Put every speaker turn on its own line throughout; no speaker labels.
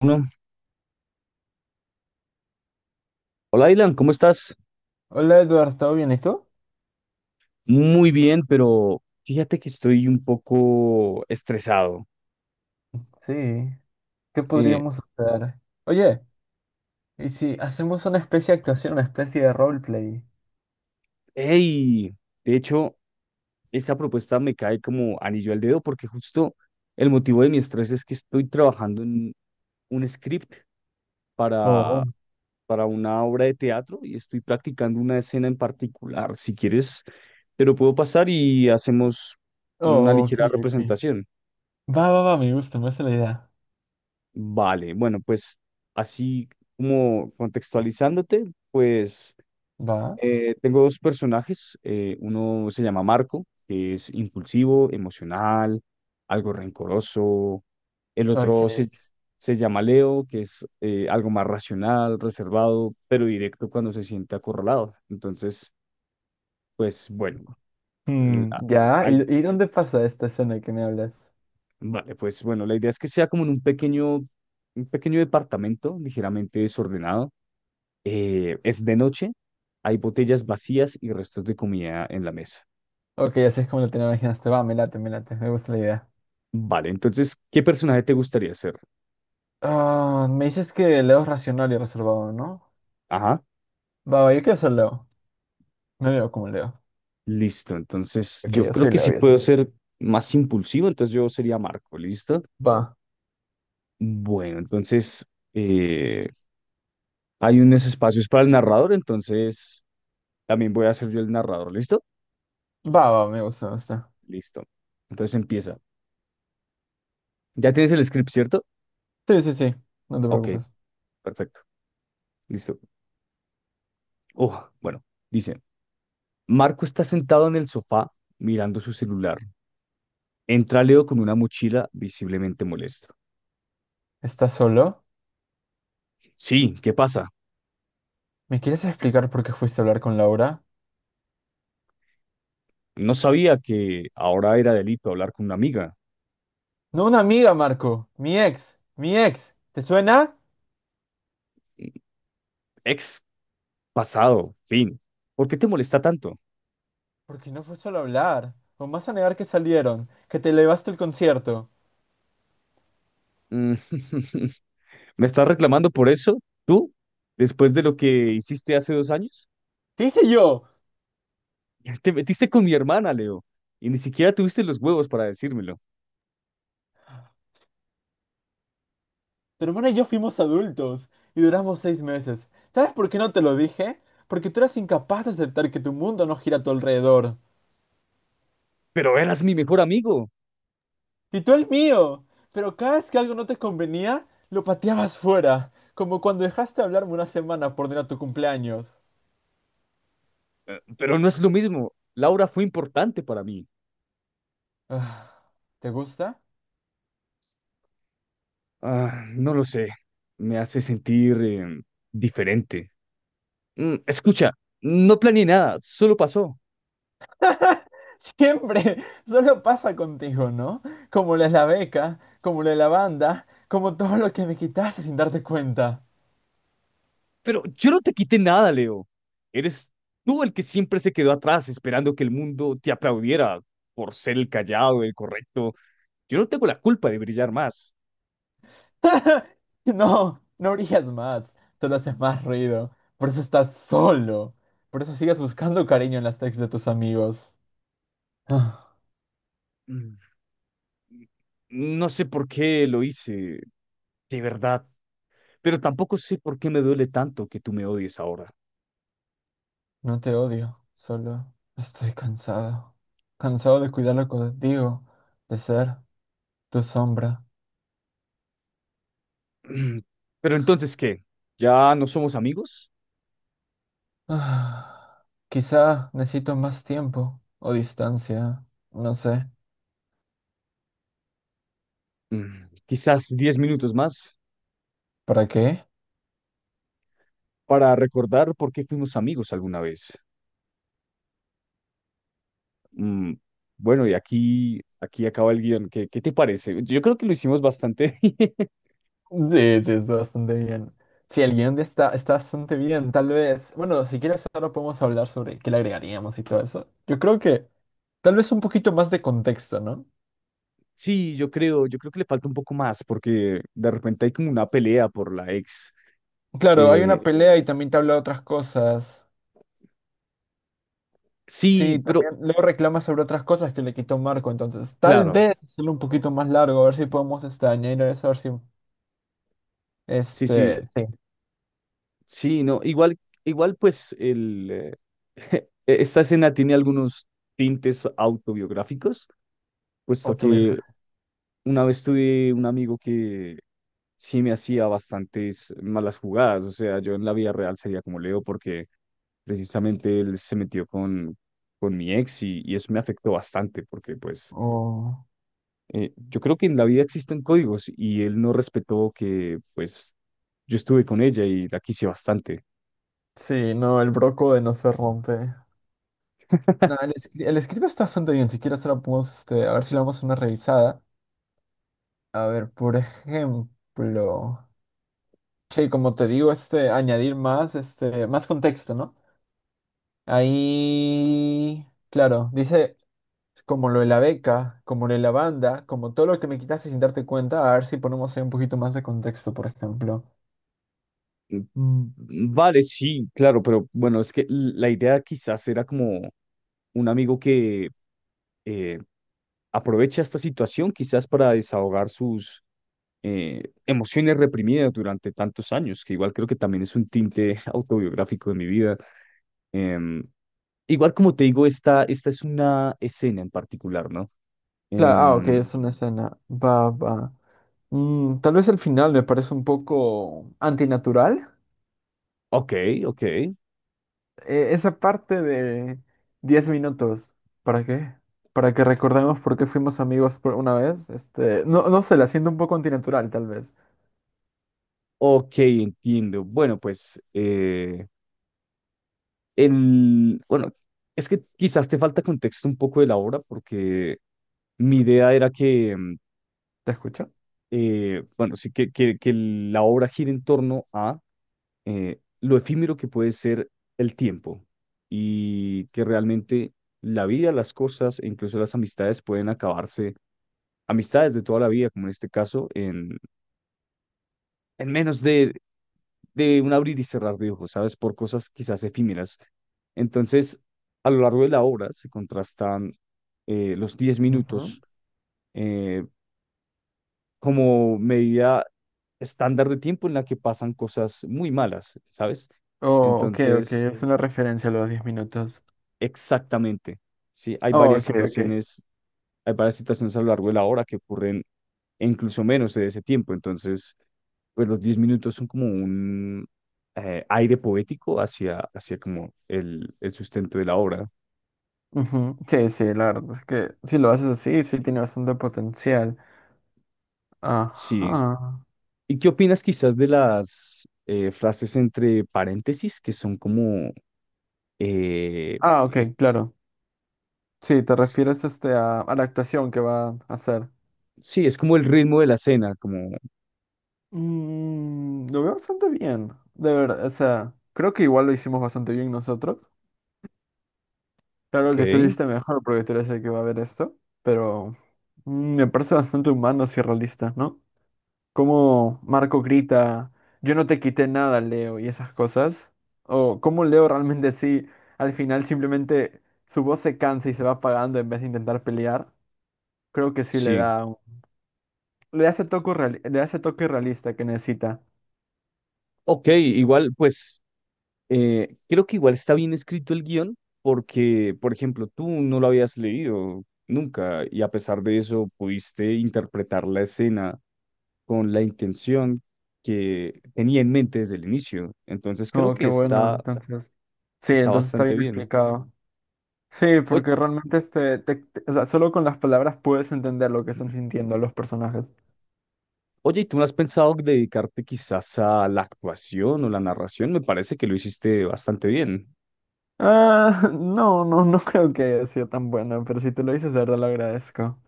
Uno. Hola, Ilan, ¿cómo estás?
Hola Eduardo, ¿todo bien? ¿Y tú?
Muy bien, pero fíjate que estoy un poco estresado.
Sí, ¿qué
Eh,
podríamos hacer? Oye, ¿y si hacemos una especie de actuación, una especie de roleplay?
hey, de hecho, esa propuesta me cae como anillo al dedo porque justo el motivo de mi estrés es que estoy trabajando en un script para,
Oh,
para una obra de teatro y estoy practicando una escena en particular. Si quieres, te lo puedo pasar y hacemos una
oh, ok,
ligera
ok.
representación.
Va, va, va, me gusta la idea.
Vale, bueno, pues así como contextualizándote, pues
Va,
tengo dos personajes. Uno se llama Marco, que es impulsivo, emocional, algo rencoroso. El otro se,
ok.
se llama Leo, que es algo más racional, reservado, pero directo cuando se siente acorralado. Entonces, pues bueno, la-
Mm, ya, ¿Y,
hay-
y dónde pasa esta escena que me hablas?
vale, pues bueno, la idea es que sea como en un pequeño departamento ligeramente desordenado. Es de noche, hay botellas vacías y restos de comida en la mesa.
Ok, así es como lo tenía imaginaste. Va, me late, me late, me gusta la idea.
Vale, entonces, ¿qué personaje te gustaría ser?
Ah, me dices que Leo es racional y reservado, ¿no?
Ajá,
Va, va, yo quiero ser Leo. Me veo como Leo.
listo. Entonces,
Ok,
yo
yo
creo
soy
que
Leo,
sí
y eso.
puedo ser más impulsivo, entonces yo sería Marco, ¿listo?
Va.
Bueno, entonces, eh, hay unos espacios para el narrador, entonces también voy a ser yo el narrador, ¿listo?
Va, va, me gusta, me gusta.
Listo. Entonces empieza. ¿Ya tienes el script, cierto?
Sí, sí, sí, no te
Ok,
preocupes.
perfecto. Listo. Oh, bueno, dice. Marco está sentado en el sofá mirando su celular. Entra Leo con una mochila visiblemente molesto.
¿Estás solo?
Sí, ¿qué pasa?
¿Me quieres explicar por qué fuiste a hablar con Laura?
No sabía que ahora era delito hablar con una amiga.
No, una amiga, Marco. Mi ex. Mi ex. ¿Te suena?
Ex, pasado, fin. ¿Por qué te molesta tanto?
Porque no fue solo hablar. O vas a negar que salieron, que te elevaste el concierto.
Mm, ¿Me estás reclamando por eso? ¿Tú? ¿Después de lo que hiciste hace 2 años?
¿Qué hice yo?
Te metiste con mi hermana, Leo, y ni siquiera tuviste los huevos para decírmelo.
Tu hermana y yo fuimos adultos y duramos 6 meses. ¿Sabes por qué no te lo dije? Porque tú eras incapaz de aceptar que tu mundo no gira a tu alrededor.
Pero eras mi mejor amigo.
Y tú el mío. Pero cada vez que algo no te convenía, lo pateabas fuera. Como cuando dejaste de hablarme una semana por no ir a tu cumpleaños.
Pero no es lo mismo. Laura fue importante para mí.
Ah, ¿Te gusta?
Ah, no lo sé. Me hace sentir diferente. Escucha, no planeé nada, solo pasó.
Siempre. Solo pasa contigo, ¿no? Como la de la beca, como la de la banda, como todo lo que me quitaste sin darte cuenta.
Pero yo no te quité nada, Leo. Eres tú el que siempre se quedó atrás esperando que el mundo te aplaudiera por ser el callado, el correcto. Yo no tengo la culpa de brillar más.
No, no brillas más. Solo haces más ruido. Por eso estás solo. Por eso sigues buscando cariño en las texts de tus amigos.
Mm, No sé por qué lo hice, de verdad. Pero tampoco sé por qué me duele tanto que tú me odies ahora.
No te odio, solo estoy cansado. Cansado de cuidarlo contigo, de ser tu sombra.
Mm, Pero entonces, ¿qué? ¿Ya no somos amigos?
Ah, quizá necesito más tiempo o distancia, no sé.
Quizás 10 minutos más
¿Para qué?
para recordar por qué fuimos amigos alguna vez. Mm, bueno, y aquí acaba el guión. ¿Qué te parece? Yo creo que lo hicimos bastante.
Sí, sí, está bastante bien. Sí, el guión de está, está bastante bien, tal vez. Bueno, si quieres ahora podemos hablar sobre qué le agregaríamos y todo eso. Yo creo que tal vez un poquito más de contexto, ¿no?
Sí, yo creo que le falta un poco más porque de repente hay como una pelea por la ex.
Claro, hay una
Eh,
pelea y también te habla de otras cosas. Sí,
sí, pero
también luego reclama sobre otras cosas que le quitó Marco, entonces tal
claro,
vez hacerlo un poquito más largo, a ver si podemos este, añadir eso, a ver si
sí, sí,
este, sí,
sí, no, igual, igual pues esta escena tiene algunos tintes autobiográficos, puesto
o tuvieron,
que una vez tuve un amigo que sí me hacía bastantes malas jugadas. O sea, yo en la vida real sería como Leo porque precisamente él se metió con mi ex y eso me afectó bastante porque pues
o...
yo creo que en la vida existen códigos y él no respetó que pues yo estuve con ella y la quise bastante.
Sí, no, el broco de no se rompe. No, el, el script está bastante bien, si quieres ahora podemos, este, a ver si le damos una revisada. A ver, por ejemplo, che, como te digo, este, añadir más, este, más contexto, ¿no? Ahí, claro, dice como lo de la beca, como lo de la banda, como todo lo que me quitaste sin darte cuenta, a ver si ponemos ahí un poquito más de contexto, por ejemplo.
Mm, vale, sí, claro, pero bueno, es que la idea quizás era como un amigo que eh, aprovecha esta situación quizás para desahogar sus emociones reprimidas durante tantos años, que igual creo que también es un tinte autobiográfico de mi vida. Em, Igual como te digo, esta es una escena en particular, ¿no?
Claro, ah, ok,
Em,
es una escena. Va, va. Mm, tal vez el final me parece un poco antinatural.
ok, ok,
Esa parte de 10 minutos, ¿para qué? Para que recordemos por qué fuimos amigos por una vez. Este, no, no sé, la siento un poco antinatural, tal vez.
ok, entiendo. Bueno, pues, bueno, es que quizás te falta contexto un poco de la obra, porque mi idea era que,
¿Te escucho?
bueno, sí, que la obra gira en torno a lo efímero que puede ser el tiempo y que realmente la vida, las cosas e incluso las amistades pueden acabarse, amistades de toda la vida, como en este caso, en menos de un abrir y cerrar de ojos, ¿sabes? Por cosas quizás efímeras. Entonces, a lo largo de la obra se contrastan los diez
Ujú.
minutos eh, como medida estándar de tiempo en la que pasan cosas muy malas, ¿sabes?
Oh, ok, ok,
Entonces,
es una referencia a los 10 minutos.
exactamente. Sí, hay
Oh,
varias
ok, ok.
situaciones, hay varias situaciones a lo largo de la hora que ocurren e incluso menos de ese tiempo. Entonces, pues los 10 minutos son como un aire poético hacia como el sustento de la obra.
Ujú. Sí, sí, la verdad es que si lo haces así, sí tiene bastante potencial.
Sí.
Ajá.
¿Y qué opinas quizás de las frases entre paréntesis que son como, eh,
Ah,
u-
ok, claro. Sí, te refieres este a la actuación que va a hacer.
sí, es como el ritmo de la cena, como,
Mm, lo veo bastante bien. De verdad, o sea, creo que igual lo hicimos bastante bien nosotros. Claro
ok,
que tú lo hiciste mejor porque tú eres el que va a ver esto, pero mm, me parece bastante humano y realista, ¿no? Cómo Marco grita, yo no te quité nada, Leo, y esas cosas. O cómo Leo realmente sí, al final simplemente su voz se cansa y se va apagando en vez de intentar pelear. Creo que sí le
sí.
da, le da ese toque le da ese toque realista que necesita.
Ok, igual, pues creo que igual está bien escrito el guión porque, por ejemplo, tú no lo habías leído nunca y a pesar de eso pudiste interpretar la escena con la intención que tenía en mente desde el inicio. Entonces creo
Oh,
que
qué bueno,
está,
entonces. Sí,
está
entonces está
bastante
bien
bien.
explicado. Sí,
Oye,
porque realmente este, o sea, solo con las palabras puedes entender lo que están sintiendo los personajes.
oye, ¿y tú no has pensado dedicarte quizás a la actuación o la narración? Me parece que lo hiciste bastante bien.
Ah, no, no, no creo que haya sido tan bueno, pero si te lo dices, de verdad lo agradezco.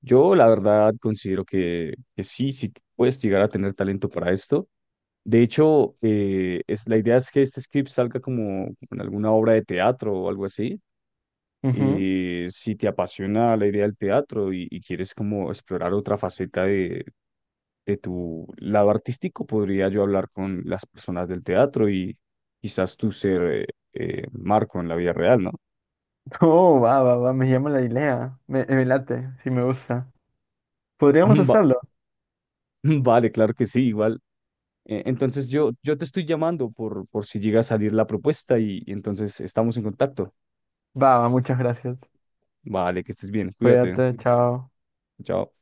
Yo la verdad considero que, sí, sí puedes llegar a tener talento para esto. De hecho, la idea es que este script salga como, en alguna obra de teatro o algo así.
Ujú.
Y si te apasiona la idea del teatro y quieres como explorar otra faceta de tu lado artístico, podría yo hablar con las personas del teatro y quizás tú ser Marco en la vida real, ¿no?
Oh, va, va, va, me llama la idea. Me late, si me gusta. Podríamos
Va-
hacerlo.
vale, claro que sí, igual. Entonces yo te estoy llamando por si llega a salir la propuesta y entonces estamos en contacto.
Va, va, muchas gracias.
Vale, que estés bien, cuídate.
Cuídate, chao.
Chao.